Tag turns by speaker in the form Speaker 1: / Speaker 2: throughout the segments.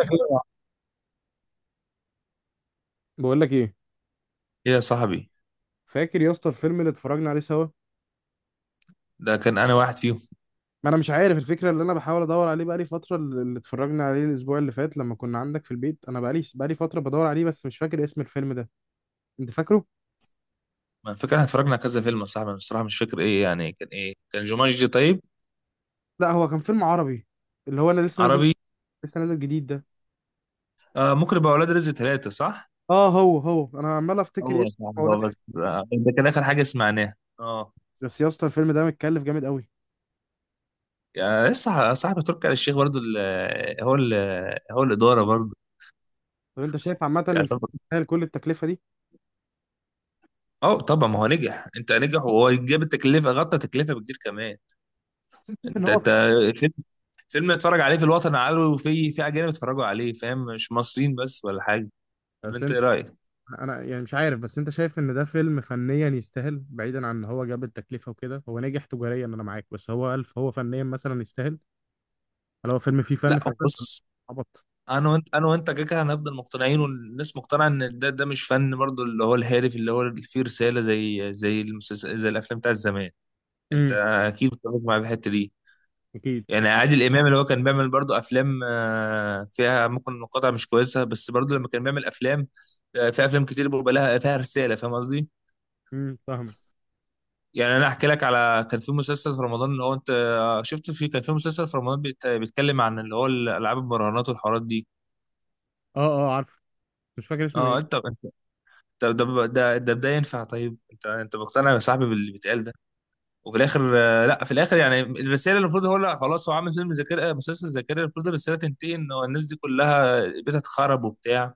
Speaker 1: أيوة. بقول لك ايه؟
Speaker 2: ايه يا صاحبي.
Speaker 1: فاكر يا اسطى الفيلم اللي اتفرجنا عليه سوا؟
Speaker 2: ده كان انا واحد فيهم.
Speaker 1: ما انا مش عارف الفكره اللي انا بحاول ادور عليه بقالي فتره، اللي اتفرجنا عليه الاسبوع اللي فات لما كنا عندك في البيت. انا بقالي فتره بدور عليه بس مش فاكر اسم الفيلم ده. انت فاكره؟
Speaker 2: ما فكرة احنا اتفرجنا على كذا فيلم يا صاحبي، بس الصراحه مش فاكر. ايه يعني كان ايه؟ كان جومانجي؟ طيب.
Speaker 1: لا هو كان فيلم عربي، اللي هو انا لسه نازل،
Speaker 2: عربي.
Speaker 1: لسه نازل جديد ده.
Speaker 2: آه ممكن يبقى اولاد رزق ثلاثة، صح؟
Speaker 1: اه هو انا عمال افتكر
Speaker 2: هو يا
Speaker 1: ايش
Speaker 2: صاحبي
Speaker 1: اولاد
Speaker 2: هو بس،
Speaker 1: حاجة.
Speaker 2: ده كان اخر حاجه سمعناها اه.
Speaker 1: بس يا اسطى الفيلم ده متكلف جامد قوي.
Speaker 2: يعني لسه صاحبي تركي آل الشيخ برضه، ال- هو ال هو الاداره برضه.
Speaker 1: طب انت شايف عامه الفيلم
Speaker 2: يعتبر.
Speaker 1: يستاهل كل التكلفه دي؟
Speaker 2: اه طبعا، ما هو نجح. انت نجح، وهو جاب التكلفه، غطى تكلفه بكتير كمان.
Speaker 1: بس انت شايف ان
Speaker 2: انت فيلم. فيلم اتفرج عليه في الوطن العربي، وفي اجانب اتفرجوا عليه، فاهم؟ مش مصريين بس ولا حاجه.
Speaker 1: هو،
Speaker 2: انت ايه رايك؟
Speaker 1: انا يعني مش عارف، بس انت شايف ان ده فيلم فنيا يستاهل؟ بعيدا عن ان هو جاب التكلفه وكده، هو نجح تجاريا انا معاك، بس هو الف هو فنيا مثلا يستاهل؟ هل هو فيلم فيه فن
Speaker 2: لا هو
Speaker 1: فعلا؟
Speaker 2: بص،
Speaker 1: عبط.
Speaker 2: انا وانت انا وانت كده كده هنفضل مقتنعين، والناس مقتنعه ان ده مش فن برضو، اللي هو الهادف، اللي هو فيه رساله، زي المسلسل، زي الافلام بتاعت زمان. انت
Speaker 1: امم،
Speaker 2: اكيد بتتفق مع الحته دي.
Speaker 1: اكيد.
Speaker 2: يعني عادل امام اللي هو كان بيعمل برضو افلام فيها ممكن مقاطع مش كويسه، بس برضو لما كان بيعمل افلام، في افلام كتير بيبقى لها فيها رساله، فاهم قصدي؟
Speaker 1: فاهمه.
Speaker 2: يعني انا احكي لك على، كان في مسلسل في رمضان اللي هو انت شفت؟ في كان في مسلسل في رمضان بيتكلم عن اللي هو الالعاب المراهنات والحوارات دي.
Speaker 1: اه، اه عارف، مش فاكر اسمه
Speaker 2: اه
Speaker 1: ايه.
Speaker 2: انت، طب ده ينفع؟ طيب انت مقتنع يا صاحبي باللي بيتقال ده؟ وفي الاخر لا، في الاخر يعني الرساله المفروض، هو لا خلاص، هو عامل فيلم ذاكره، مسلسل ذاكره، المفروض الرساله تنتهي ان هو الناس دي كلها بيتها اتخرب وبتاع،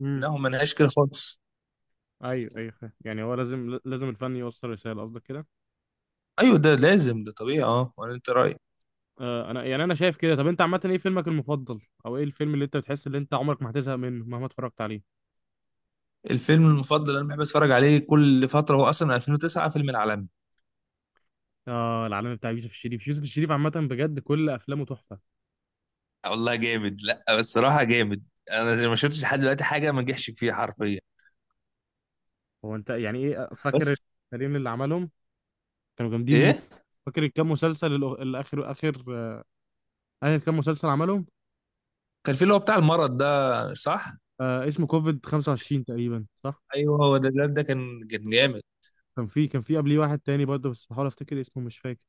Speaker 1: امم.
Speaker 2: انهم ما لهاش كده خالص.
Speaker 1: ايوه ايوه فاهم. يعني هو لازم لازم الفن يوصل رساله قصدك كده؟
Speaker 2: ايوه ده لازم، ده طبيعي اه، ولا انت رايك؟
Speaker 1: آه، انا يعني انا شايف كده. طب انت عامه ايه فيلمك المفضل، او ايه الفيلم اللي انت بتحس ان انت عمرك ما هتزهق منه مهما اتفرجت عليه؟
Speaker 2: الفيلم المفضل اللي انا بحب اتفرج عليه كل فتره هو اصلا 2009، فيلم العالمي.
Speaker 1: اه، العالم بتاع يوسف الشريف. يوسف الشريف عامه بجد كل افلامه تحفه.
Speaker 2: والله جامد، لا الصراحه جامد. انا ما شفتش لحد دلوقتي حاجه ما نجحش فيها حرفيا.
Speaker 1: هو انت يعني ايه
Speaker 2: بس.
Speaker 1: فاكر الفريقين اللي عملهم كانوا جامدين مو؟
Speaker 2: ايه.
Speaker 1: فاكر الكام مسلسل الأخ- الاخر اخر اخر اخر كام مسلسل عملهم؟
Speaker 2: كان في اللي هو بتاع المرض ده، صح؟
Speaker 1: آه، اسمه كوفيد 25 تقريبا صح.
Speaker 2: ايوه هو ده، الواد ده كان جامد.
Speaker 1: كان في قبليه واحد تاني برضه، بس بحاول افتكر اسمه مش فاكر.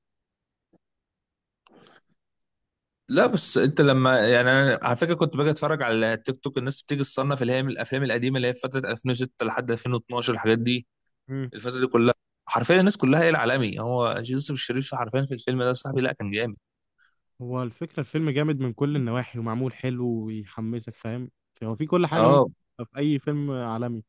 Speaker 2: لا بس انت لما، يعني انا على فكره كنت باجي اتفرج على تيك توك، الناس بتيجي تصنف اللي هي من الافلام القديمه، اللي هي في فتره 2006 لحد 2012 الحاجات دي،
Speaker 1: مم.
Speaker 2: الفتره دي كلها، حرفيا الناس كلها هي العالمي، هو يوسف الشريف حرفيا في الفيلم ده. صاحبي لا كان جامد.
Speaker 1: هو الفكرة الفيلم جامد من كل النواحي ومعمول حلو ويحمسك فاهم. هو في كل حاجة ممكن
Speaker 2: اه،
Speaker 1: تبقى في أي فيلم عالمي،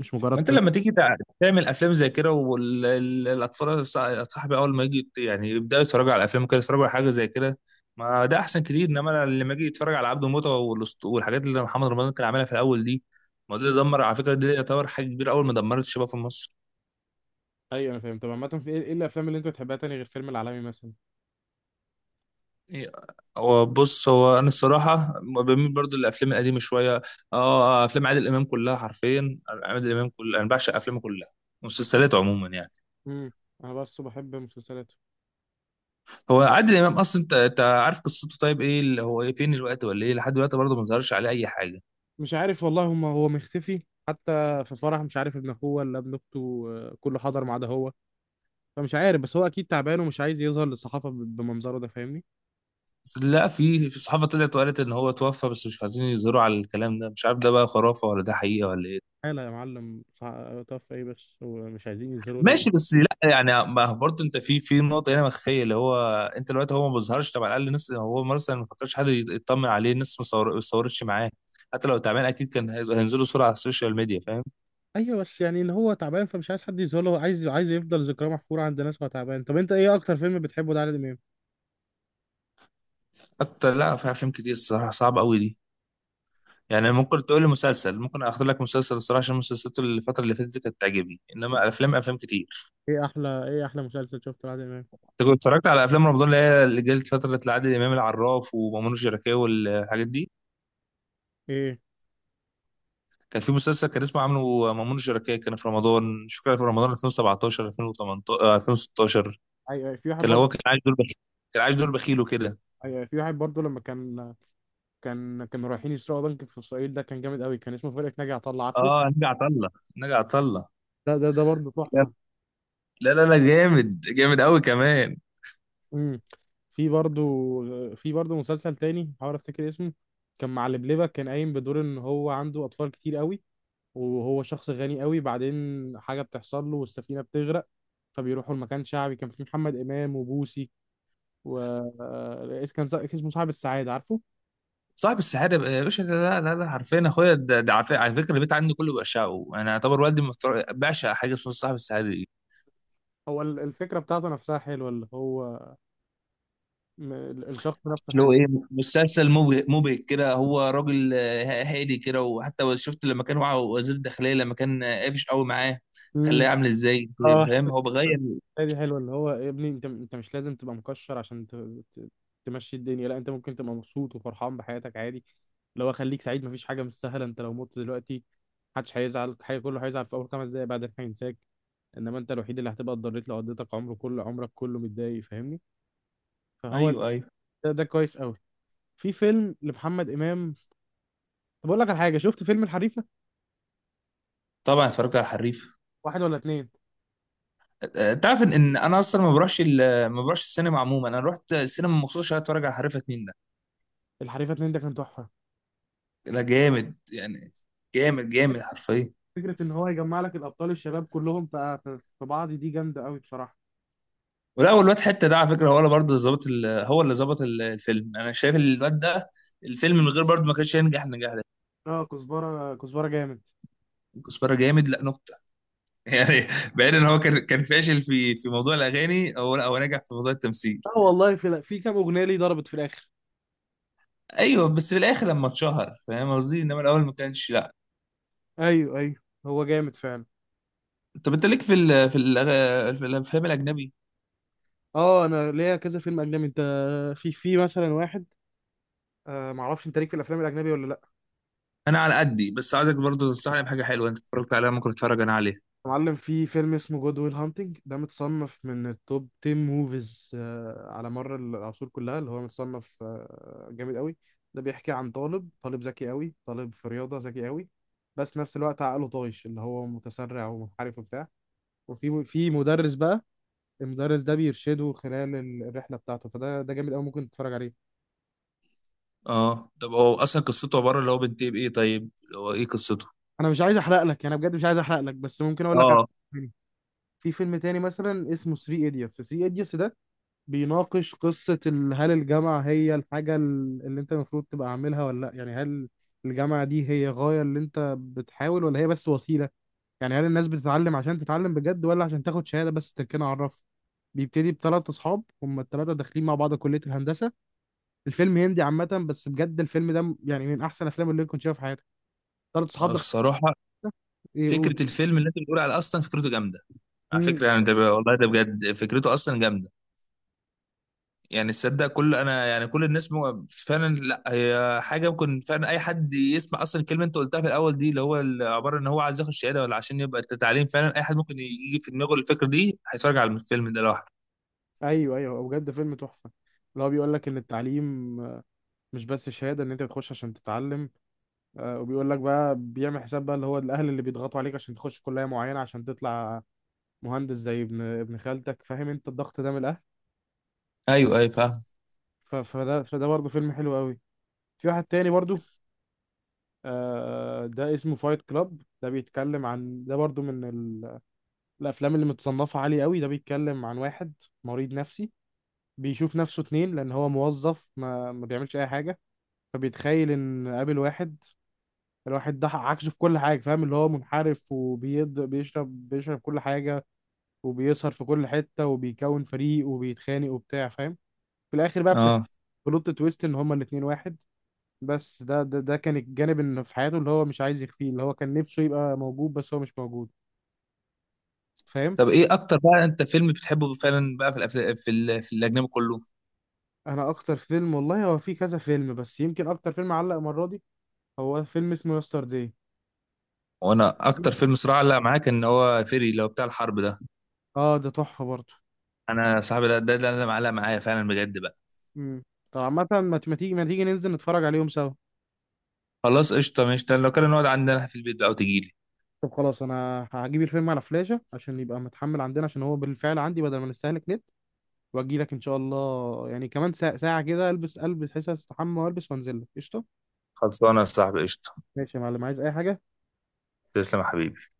Speaker 1: مش مجرد
Speaker 2: ما انت
Speaker 1: فيلم.
Speaker 2: لما تيجي تعمل افلام زي كده والاطفال، صاحبي اول ما يجي يعني يبداوا يتفرجوا على الافلام كده، يتفرجوا على حاجه زي كده، ما ده احسن كتير. انما أنا لما اجي يتفرج على عبده موته والحاجات اللي محمد رمضان كان عاملها في الاول دي، ما ده
Speaker 1: مم.
Speaker 2: دمر على فكره. دي يعتبر حاجه كبيره اول ما دمرت الشباب في مصر.
Speaker 1: ايوه انا فاهم. طب عامة في ايه، إيه الافلام اللي انت بتحبها تاني غير فيلم العالمي مثلا؟
Speaker 2: إيه، هو بص، هو انا الصراحه بميل برضو للافلام القديمه شويه. اه افلام عادل امام كلها حرفيا، عادل امام كلها، انا بعشق افلامه كلها. مسلسلات عموما يعني.
Speaker 1: امم. انا بس بحب مسلسلات.
Speaker 2: هو عادل امام اصلا انت عارف قصته؟ طيب ايه اللي هو ايه، فين الوقت ولا ايه، لحد دلوقتي برضه ما ظهرش عليه اي حاجه.
Speaker 1: مش عارف والله، هما هو مختفي. حتى في فرح مش عارف ابن اخوه ولا ابن اخته، كله حضر ما عدا هو. فمش عارف، بس هو اكيد تعبان ومش عايز يظهر للصحافه بمنظره ده فاهمني.
Speaker 2: لا في صحافه طلعت وقالت ان هو توفى، بس مش عايزين يظهروا على الكلام ده. مش عارف ده بقى خرافه ولا ده حقيقه ولا ايه.
Speaker 1: حاله يا معلم طف ايه؟ بس هو مش عايزين يظهروا ليه.
Speaker 2: ماشي بس لا يعني، ما هو برضه انت في نقطه هنا مخفيه اللي هو، انت دلوقتي هو ما بيظهرش، طب على الاقل الناس، هو مثلا ما كترش حد يطمن عليه، الناس ما صورتش معاه، حتى لو تعبان اكيد كان هينزلوا صوره على السوشيال ميديا، فاهم؟
Speaker 1: ايوه، بس يعني ان هو تعبان فمش عايز حد يظهر له، عايز يفضل ذكراه محفوره عند ناس وهو تعبان. طب انت ايه اكتر فيلم بتحبه لعادل امام؟
Speaker 2: حتى لا، في افلام كتير الصراحه صعبه قوي دي، يعني ممكن تقول لي مسلسل، ممكن اختار لك مسلسل الصراحه، عشان المسلسلات اللي الفتره اللي فاتت دي كانت تعجبني،
Speaker 1: طب
Speaker 2: انما افلام افلام كتير.
Speaker 1: ايه احلى، ايه احلى مسلسل شفته لعادل امام؟
Speaker 2: انت كنت اتفرجت على افلام رمضان اللي هي اللي جت فتره عادل امام، العراف ومأمون الشركاه والحاجات دي؟
Speaker 1: ايه،
Speaker 2: كان في مسلسل كان اسمه عامله مأمون الشركاه، كان في رمضان، مش فاكر في رمضان 2017 2018 2016.
Speaker 1: ايوه أيوة، في واحد
Speaker 2: كان
Speaker 1: برضه.
Speaker 2: هو كان عايش دور بخيل، كان عايش دور بخيل وكده.
Speaker 1: ايوه في واحد برضه، لما كان كانوا رايحين يسرقوا بنك في اسرائيل. ده كان جامد قوي، كان اسمه فرقة ناجي عطا الله عارفه.
Speaker 2: اه نجا عطله، نجا عطله.
Speaker 1: ده برضه تحفة.
Speaker 2: لا لا لا جامد جامد قوي كمان.
Speaker 1: امم. في برضه، في برضه مسلسل تاني بحاول افتكر اسمه. كان مع لبلبة، كان قايم بدور ان هو عنده اطفال كتير قوي، وهو شخص غني قوي. بعدين حاجة بتحصل له والسفينة بتغرق، فبيروحوا لمكان شعبي كان فيه محمد امام وبوسي، و اسمه صاحب السعادة عارفه.
Speaker 2: صاحب السعاده لا لا لا حرفيا اخويا ده، على فكره البيت عندي كله بيعشقه، انا اعتبر والدي بيعشق حاجه اسمها صاحب السعاده دي.
Speaker 1: هو الفكرة بتاعته نفسها حلوة، اللي هو الشخص نفسه
Speaker 2: اللي هو
Speaker 1: حلو.
Speaker 2: ايه، مسلسل مبهج، مبهج كده، هو راجل هادي كده. وحتى شفت لما كان معاه وزير الداخليه لما كان قافش قوي معاه؟
Speaker 1: امم.
Speaker 2: خلاه عامل ازاي.
Speaker 1: اه،
Speaker 2: فاهم هو بغير.
Speaker 1: لا دي حلوه، اللي هو يا ابني انت مش لازم تبقى مكشر عشان ت... تمشي الدنيا. لا، انت ممكن تبقى مبسوط وفرحان بحياتك عادي. اللي هو خليك سعيد، مفيش حاجه مستاهله. انت لو مت دلوقتي محدش هيزعل حاجه، كله هيزعل في اول 5 دقايق بعدين هينساك. انما انت الوحيد اللي هتبقى اتضريت لو قضيتك عمره كله، عمرك كله متضايق فاهمني. فهو
Speaker 2: ايوه ايوه.
Speaker 1: ده كويس قوي في فيلم لمحمد امام. طب اقول لك على حاجه، شفت فيلم الحريفه؟
Speaker 2: طبعا اتفرجت على الحريف.
Speaker 1: واحد ولا اتنين؟
Speaker 2: تعرف إن انا اصلا ما بروحش ما بروحش السينما عموما؟ انا رحت السينما مخصوص عشان اتفرج على الحريفه اتنين ده.
Speaker 1: الحريفه اتنين ده كان تحفه.
Speaker 2: ده جامد يعني، جامد جامد حرفيا.
Speaker 1: فكره ان هو يجمع لك الابطال الشباب كلهم في بعض دي جامده قوي بصراحه.
Speaker 2: ولا هو الواد حته ده، على فكره هو اللي برضه هو اللي ظبط الفيلم. انا شايف الواد ده الفيلم من غير برضه ما كانش هينجح النجاح ده.
Speaker 1: اه كزبره، كزبره جامد.
Speaker 2: كزبره جامد لا نقطه. يعني بعيد ان هو كان فاشل في موضوع الاغاني، هو لا، هو نجح في موضوع التمثيل.
Speaker 1: اه والله، في كام اغنيه ليه ضربت في الاخر.
Speaker 2: ايوه بس في الاخر لما اتشهر، فاهم قصدي؟ انما الاول ما كانش، لا.
Speaker 1: ايوه ايوه، هو جامد فعلا.
Speaker 2: طب انت ليك في في الافلام الاجنبي؟
Speaker 1: اه، انا ليا كذا فيلم اجنبي. انت في مثلا واحد، معرفش انت ليك في الافلام الاجنبي ولا لا.
Speaker 2: انا على قدي، بس عايزك برضه تنصحني بحاجه حلوه انت اتفرجت عليها ممكن اتفرج انا عليها.
Speaker 1: يا معلم، في فيلم اسمه جود ويل هانتنج، ده متصنف من التوب 10 موفيز على مر العصور كلها، اللي هو متصنف جامد قوي. ده بيحكي عن طالب، طالب ذكي قوي، طالب في رياضه ذكي قوي، بس نفس الوقت عقله طايش، اللي هو متسرع ومنحرف وبتاع. وفي مدرس بقى، المدرس ده بيرشده خلال الرحله بتاعته. فده جامد قوي، ممكن تتفرج عليه.
Speaker 2: اه طب هو اصلا قصته عباره اللي هو بنتي بايه، طيب اللي هو ايه قصته؟
Speaker 1: انا مش عايز احرق لك، انا بجد مش عايز احرق لك، بس ممكن اقول لك على
Speaker 2: اه
Speaker 1: فيلم. في فيلم تاني مثلا اسمه 3 ايديوتس. 3 ايديوتس ده بيناقش قصه هل الجامعه هي الحاجه اللي انت المفروض تبقى عاملها ولا لا؟ يعني هل الجامعه دي هي غايه اللي انت بتحاول، ولا هي بس وسيله؟ يعني هل الناس بتتعلم عشان تتعلم بجد، ولا عشان تاخد شهاده بس تركنا على الرف؟ بيبتدي ب3 اصحاب، هم ال3 داخلين مع بعض كليه الهندسه. الفيلم هندي عامة، بس بجد الفيلم ده يعني من أحسن الأفلام اللي كنت شايفها في حياتي. 3 صحاب دخل
Speaker 2: الصراحة،
Speaker 1: يقول.
Speaker 2: فكره الفيلم اللي انت بتقول على اصلا فكرته جامده. على
Speaker 1: امم.
Speaker 2: فكره يعني والله ده بجد فكرته اصلا جامده. يعني تصدق كل، انا يعني كل الناس فعلا، لا هي حاجه ممكن فعلا اي حد يسمع اصلا الكلمه انت قلتها في الاول دي، اللي هو عباره ان هو عايز ياخد شهاده ولا عشان يبقى تعليم، فعلا اي حد ممكن يجي في دماغه الفكره دي هيتفرج على الفيلم ده لوحده.
Speaker 1: أيوه أيوه، هو بجد فيلم تحفة. اللي هو بيقول لك إن التعليم مش بس شهادة، إن أنت بتخش عشان تتعلم. وبيقول لك بقى، بيعمل حساب بقى اللي هو الأهل اللي بيضغطوا عليك عشان تخش كلية معينة عشان تطلع مهندس زي ابن خالتك. فاهم أنت الضغط ده من الأهل؟
Speaker 2: ايوه ايوه فاهم.
Speaker 1: فده فده برضه فيلم حلو قوي. في واحد تاني برضه، ده اسمه فايت كلاب. ده بيتكلم عن ده برضه من الافلام اللي متصنفه عالي قوي. ده بيتكلم عن واحد مريض نفسي بيشوف نفسه اتنين، لان هو موظف ما بيعملش اي حاجه، فبيتخيل ان قابل واحد. الواحد ده عكسه في كل حاجه، فاهم؟ اللي هو منحرف وبيض، بيشرب كل حاجه، وبيسهر في كل حته، وبيكون فريق، وبيتخانق وبتاع فاهم. في الاخر بقى
Speaker 2: اه
Speaker 1: بلوت تويست ان هما الاتنين واحد. بس ده كان الجانب اللي في حياته اللي هو مش عايز يخفيه، اللي هو كان نفسه يبقى موجود بس هو مش موجود فاهم.
Speaker 2: طب ايه اكتر بقى انت فيلم بتحبه فعلا بقى في في الاجنبي كله؟
Speaker 1: انا اكتر فيلم والله، هو في كذا فيلم، بس يمكن اكتر فيلم علق المره دي هو فيلم اسمه يسترداي.
Speaker 2: وانا اكتر فيلم صراع، لا معاك، ان هو فيري اللي هو بتاع الحرب ده.
Speaker 1: اه، ده تحفه برضه.
Speaker 2: انا صاحبي ده اللي معلق معايا فعلا بجد بقى.
Speaker 1: امم. طب عامه، ما تيجي ننزل نتفرج عليهم سوا.
Speaker 2: خلاص قشطه ماشي، لو كده نقعد عندنا في البيت بقى وتجيلي.
Speaker 1: طب خلاص، انا هجيب الفيلم على فلاشه عشان يبقى متحمل عندنا، عشان هو بالفعل عندي، بدل ما نستهلك نت. واجي لك ان شاء الله يعني كمان ساعه، ساعة كده، البس، حس استحمى والبس وانزل لك قشطه.
Speaker 2: خلصانه يا صاحبي قشطه.
Speaker 1: ماشي يا معلم، عايز اي حاجه؟
Speaker 2: تسلم يا حبيبي.